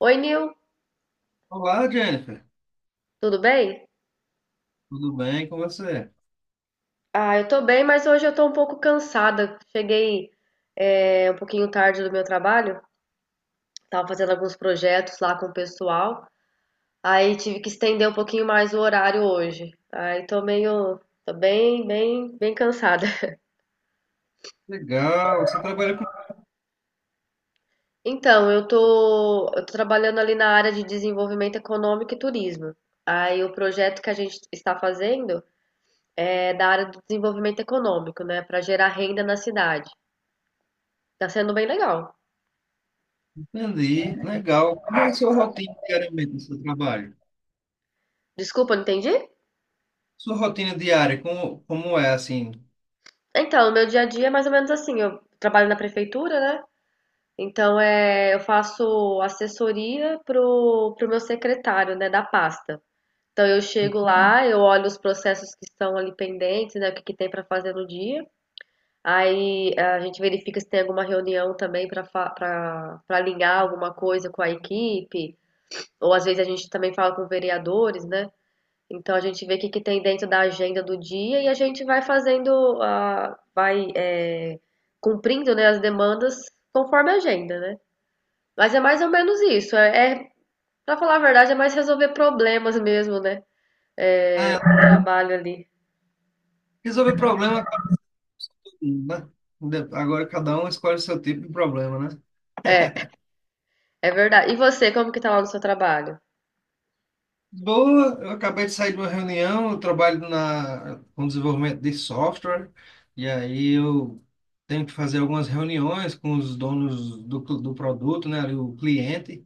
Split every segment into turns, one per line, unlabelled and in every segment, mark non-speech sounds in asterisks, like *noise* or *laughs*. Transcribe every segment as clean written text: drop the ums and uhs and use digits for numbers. Oi, Nil,
Olá, Jennifer.
tudo bem?
Tudo bem com você?
Ah, eu tô bem, mas hoje eu tô um pouco cansada. Cheguei, um pouquinho tarde do meu trabalho, tava fazendo alguns projetos lá com o pessoal, aí tive que estender um pouquinho mais o horário hoje. Aí tô meio, tô bem, bem, bem cansada. *laughs*
Legal, você trabalha com...
Então, eu tô trabalhando ali na área de desenvolvimento econômico e turismo. Aí o projeto que a gente está fazendo é da área do desenvolvimento econômico, né, para gerar renda na cidade. Tá sendo bem legal.
Entendi, legal. Como é a sua rotina diariamente no seu trabalho?
Desculpa, não entendi?
Sua rotina diária, como é, assim?
Então, o meu dia a dia é mais ou menos assim. Eu trabalho na prefeitura, né? Então, eu faço assessoria pro meu secretário, né, da pasta. Então, eu chego lá, eu olho os processos que estão ali pendentes, né, o que que tem para fazer no dia. Aí a gente verifica se tem alguma reunião também para alinhar alguma coisa com a equipe, ou às vezes a gente também fala com vereadores, né? Então a gente vê o que que tem dentro da agenda do dia e a gente vai fazendo a vai, cumprindo, né, as demandas conforme a agenda, né. Mas é mais ou menos isso, é pra falar a verdade, é mais resolver problemas mesmo, né,
Ah,
o trabalho ali.
resolver problema, acaba todo mundo, né? Agora cada um escolhe o seu tipo de problema, né?
É,
*laughs*
é verdade. E você, como que tá lá no seu trabalho?
Boa, eu acabei de sair de uma reunião, eu trabalho na, com desenvolvimento de software, e aí eu tenho que fazer algumas reuniões com os donos do produto, né, ali o cliente.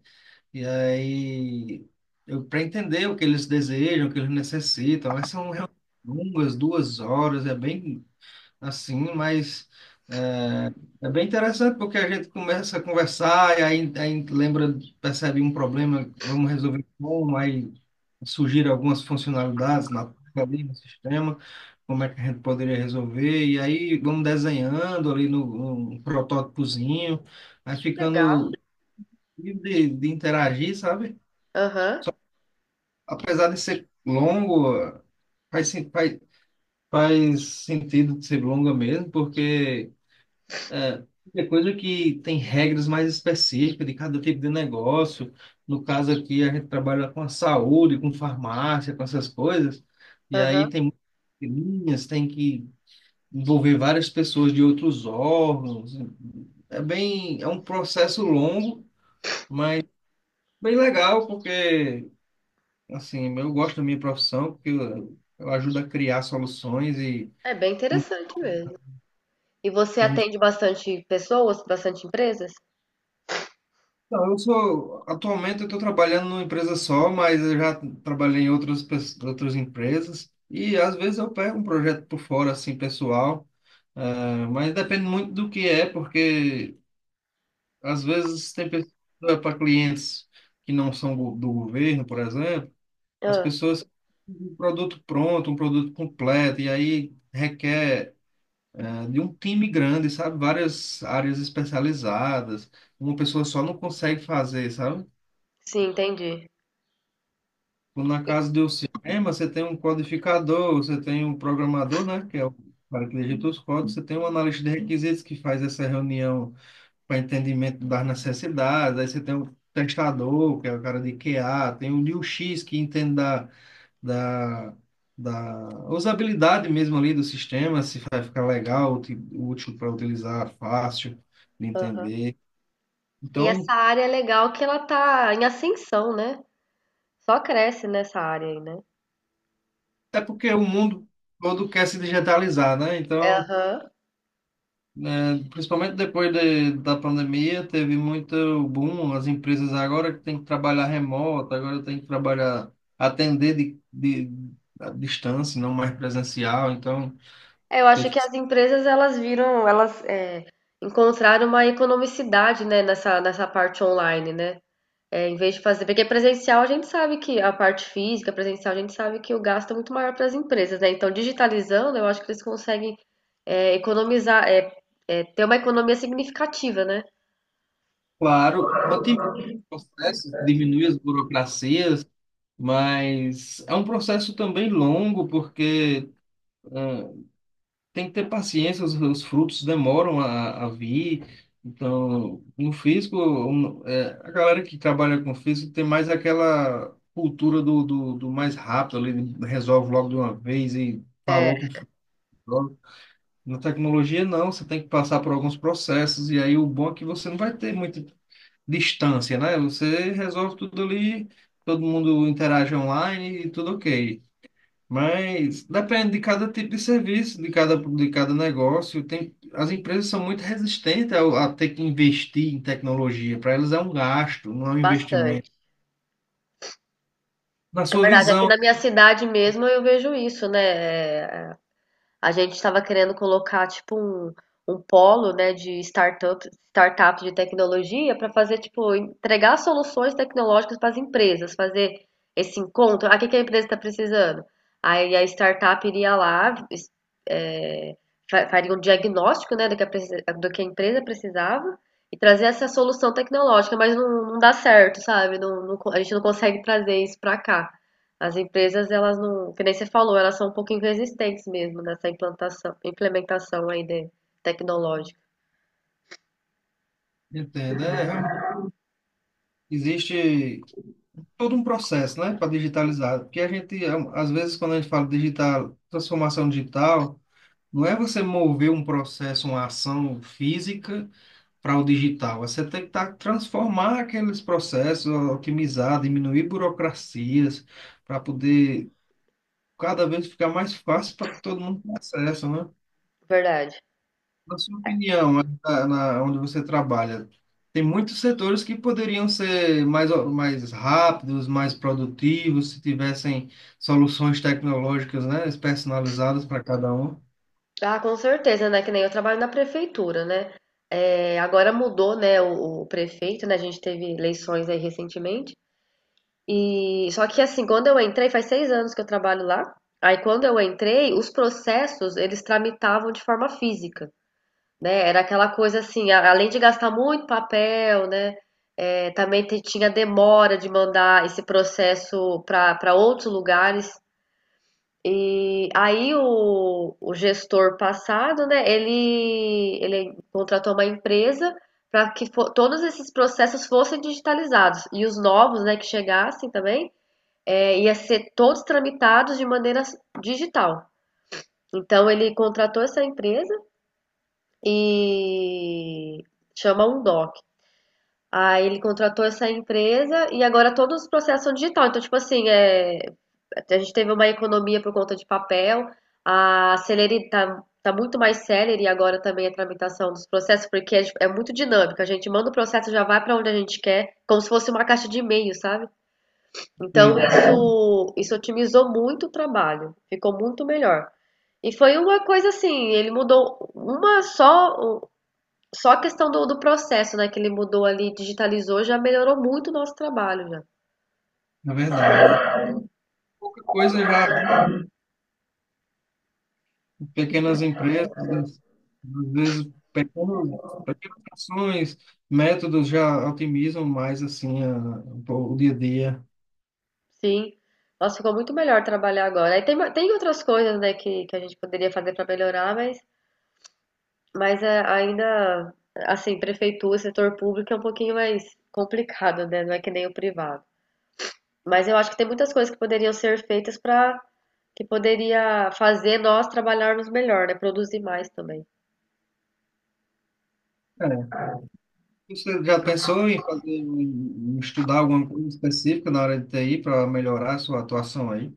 E aí, eu para entender o que eles desejam, o que eles necessitam, mas são realmente longas, duas horas, é bem assim, mas é, é bem interessante porque a gente começa a conversar e aí lembra, percebe um problema, vamos resolver como, aí surgiram algumas funcionalidades na ali no sistema, como é que a gente poderia resolver, e aí vamos desenhando ali no, num protótipozinho, aí
Legal.
ficando livre de interagir, sabe?
Aham,
Apesar de ser longo, faz, sen- faz, faz sentido de ser longa mesmo, porque é, é coisa que tem regras mais específicas de cada tipo de negócio. No caso aqui, a gente trabalha com a saúde, com farmácia, com essas coisas, e aí
aham.
tem muitas linhas, tem que envolver várias pessoas de outros órgãos. É bem, é um processo longo, bem legal, porque assim, eu gosto da minha profissão porque eu ajudo a criar soluções e
É bem
um-
interessante mesmo. E você
um-
atende bastante pessoas, bastante empresas?
não, eu sou atualmente eu estou trabalhando numa empresa só, mas eu já trabalhei em outras empresas e às vezes eu pego um projeto por fora assim pessoal, mas depende muito do que é porque às vezes tem pessoas para clientes que não são do governo, por exemplo, as
Ah.
pessoas um produto pronto, um produto completo e aí requer é, de um time grande, sabe? Várias áreas especializadas. Uma pessoa só não consegue fazer, sabe?
Sim, entendi.
Como na casa do cinema, você tem um codificador, você tem um programador, né? Que é o cara que digita os códigos, você tem um analista de requisitos que faz essa reunião para entendimento das necessidades, aí você tem um testador, que é o cara de QA, tem o UX que entende da, da usabilidade mesmo ali do sistema, se vai ficar legal, útil para utilizar, fácil de
Aham.
entender.
E essa
Então,
área é legal que ela tá em ascensão, né? Só cresce nessa área aí, né?
é porque o mundo todo quer se digitalizar, né? Então,
Aham.
né, principalmente depois da pandemia, teve muito boom, as empresas agora que tem que trabalhar remoto, agora tem que trabalhar, atender de à distância, não mais presencial, então
É, eu acho
teve
que
que,
as empresas elas viram, encontraram uma economicidade, né, nessa, nessa parte online, né? É, em vez de fazer, porque presencial a gente sabe que a parte física, presencial a gente sabe que o gasto é muito maior para as empresas, né? Então, digitalizando, eu acho que eles conseguem economizar, é, é, ter uma economia significativa, né?
claro, otimizar os processos, diminuir as burocracias. Mas é um processo também longo, porque tem que ter paciência, os frutos demoram a vir. Então, no físico, um, é, a galera que trabalha com físico tem mais aquela cultura do mais rápido, ali, resolve logo de uma vez e
É,
falou com o futuro. Na tecnologia, não, você tem que passar por alguns processos, e aí o bom é que você não vai ter muita distância, né? Você resolve tudo ali, todo mundo interage online e tudo ok. Mas depende de cada tipo de serviço, de cada negócio. Tem, as empresas são muito resistentes a ter que investir em tecnologia. Para elas é um gasto, não é um investimento.
bastante.
Na
É
sua
verdade, aqui
visão,
na minha cidade mesmo eu vejo isso, né? A gente estava querendo colocar tipo um, um polo, né, de startup, startup de tecnologia para fazer tipo entregar soluções tecnológicas para as empresas, fazer esse encontro. Ah, o que que a empresa está precisando? Aí a startup iria lá, faria um diagnóstico, né, do que a empresa precisava e trazer essa solução tecnológica, mas não, não dá certo, sabe? Não, a gente não consegue trazer isso para cá. As empresas, elas não, que nem você falou, elas são um pouquinho resistentes mesmo nessa implantação, implementação aí de, tecnológica.
entende? É, realmente existe todo um processo, né, para digitalizar. Porque a gente, é, às vezes, quando a gente fala digital, transformação digital, não é você mover um processo, uma ação física para o digital. Você tem que tá, transformar aqueles processos, otimizar, diminuir burocracias, para poder cada vez ficar mais fácil para todo mundo ter acesso, né?
Verdade.
Na sua opinião, onde você trabalha, tem muitos setores que poderiam ser mais, mais rápidos, mais produtivos, se tivessem soluções tecnológicas, né, personalizadas para cada um.
Ah, com certeza, né? Que nem eu trabalho na prefeitura, né? É, agora mudou, né, o prefeito, né? A gente teve eleições aí recentemente. E só que assim, quando eu entrei, faz 6 anos que eu trabalho lá. Aí quando eu entrei, os processos eles tramitavam de forma física, né? Era aquela coisa assim, além de gastar muito papel, né? É, também tinha demora de mandar esse processo para outros lugares. E aí o gestor passado, né? Ele contratou uma empresa para que todos esses processos fossem digitalizados e os novos, né? Que chegassem também ia ser todos tramitados de maneira digital. Então ele contratou essa empresa e chama um doc. Aí ele contratou essa empresa e agora todos os processos são digital. Então, tipo assim, a gente teve uma economia por conta de papel, a celeridade tá muito mais célere agora também a tramitação dos processos, porque é muito dinâmico. A gente manda o processo, já vai para onde a gente quer, como se fosse uma caixa de e-mail, sabe? Então,
É,
isso otimizou muito o trabalho, ficou muito melhor. E foi uma coisa assim, ele mudou uma só, só a questão do processo, né, que ele mudou ali, digitalizou, já melhorou muito o nosso trabalho, já.
na verdade. Pouca coisa já pequenas empresas, às vezes pequenos, pequenas ações, métodos já otimizam mais assim o dia a dia.
Sim. Nossa, ficou muito melhor trabalhar agora. Aí tem, tem outras coisas, né, que a gente poderia fazer para melhorar, mas é, ainda, assim, prefeitura, setor público é um pouquinho mais complicado, né? Não é que nem o privado. Mas eu acho que tem muitas coisas que poderiam ser feitas para que poderia fazer nós trabalharmos melhor, né? Produzir mais também.
É. Você já pensou em fazer, em estudar alguma coisa específica na área de TI para melhorar a sua atuação aí?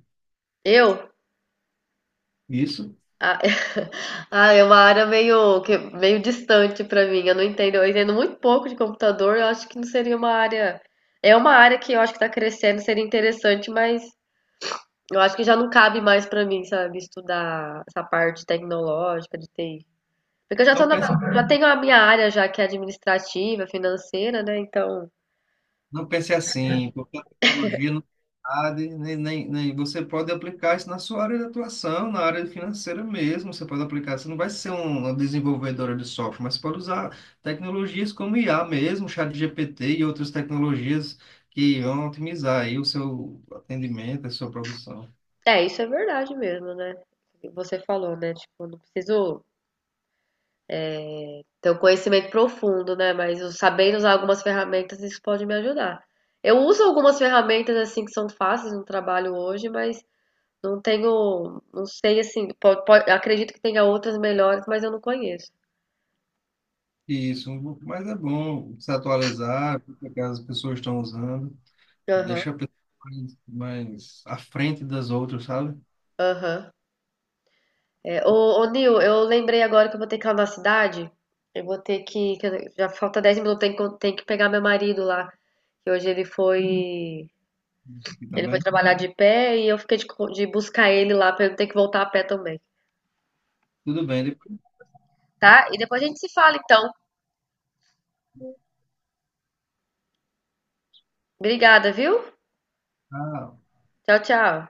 Eu,
Isso?
ah, *laughs* ah, é uma área meio distante para mim. Eu não entendo. Eu entendo muito pouco de computador. Eu acho que não seria uma área. É uma área que eu acho que está crescendo, seria interessante, mas eu acho que já não cabe mais para mim, sabe, estudar essa parte tecnológica de TI. Porque eu já tô
Não
na,
pense
já tenho a minha área já que é administrativa, financeira, né? Então
Não pense assim, porque a tecnologia não sabe, nem você pode aplicar isso na sua área de atuação, na área financeira mesmo. Você pode aplicar, você não vai ser uma desenvolvedora de software, mas você pode usar tecnologias como IA mesmo, ChatGPT e outras tecnologias que vão otimizar aí o seu atendimento, a sua produção.
é, isso é verdade mesmo, né? Você falou, né? Tipo, não preciso ter um conhecimento profundo, né? Mas eu sabendo usar algumas ferramentas, isso pode me ajudar. Eu uso algumas ferramentas assim que são fáceis no trabalho hoje, mas não tenho, não sei assim, acredito que tenha outras melhores, mas eu não conheço.
Isso, mas é bom se atualizar, o que as pessoas estão usando,
Aham,
deixa a pessoa mais, mais à frente das outras, sabe?
aham. É, Nil, eu lembrei agora que eu vou ter que ir lá na cidade. Eu vou ter que, já falta 10 minutos, tem que pegar meu marido lá. Que hoje ele foi.
Isso aqui
Ele foi
também.
trabalhar de pé e eu fiquei de, de buscar ele lá para eu não ter que voltar a pé também,
Tudo bem.
tá? E depois a gente se fala então. Obrigada, viu?
Ah,
Tchau, tchau.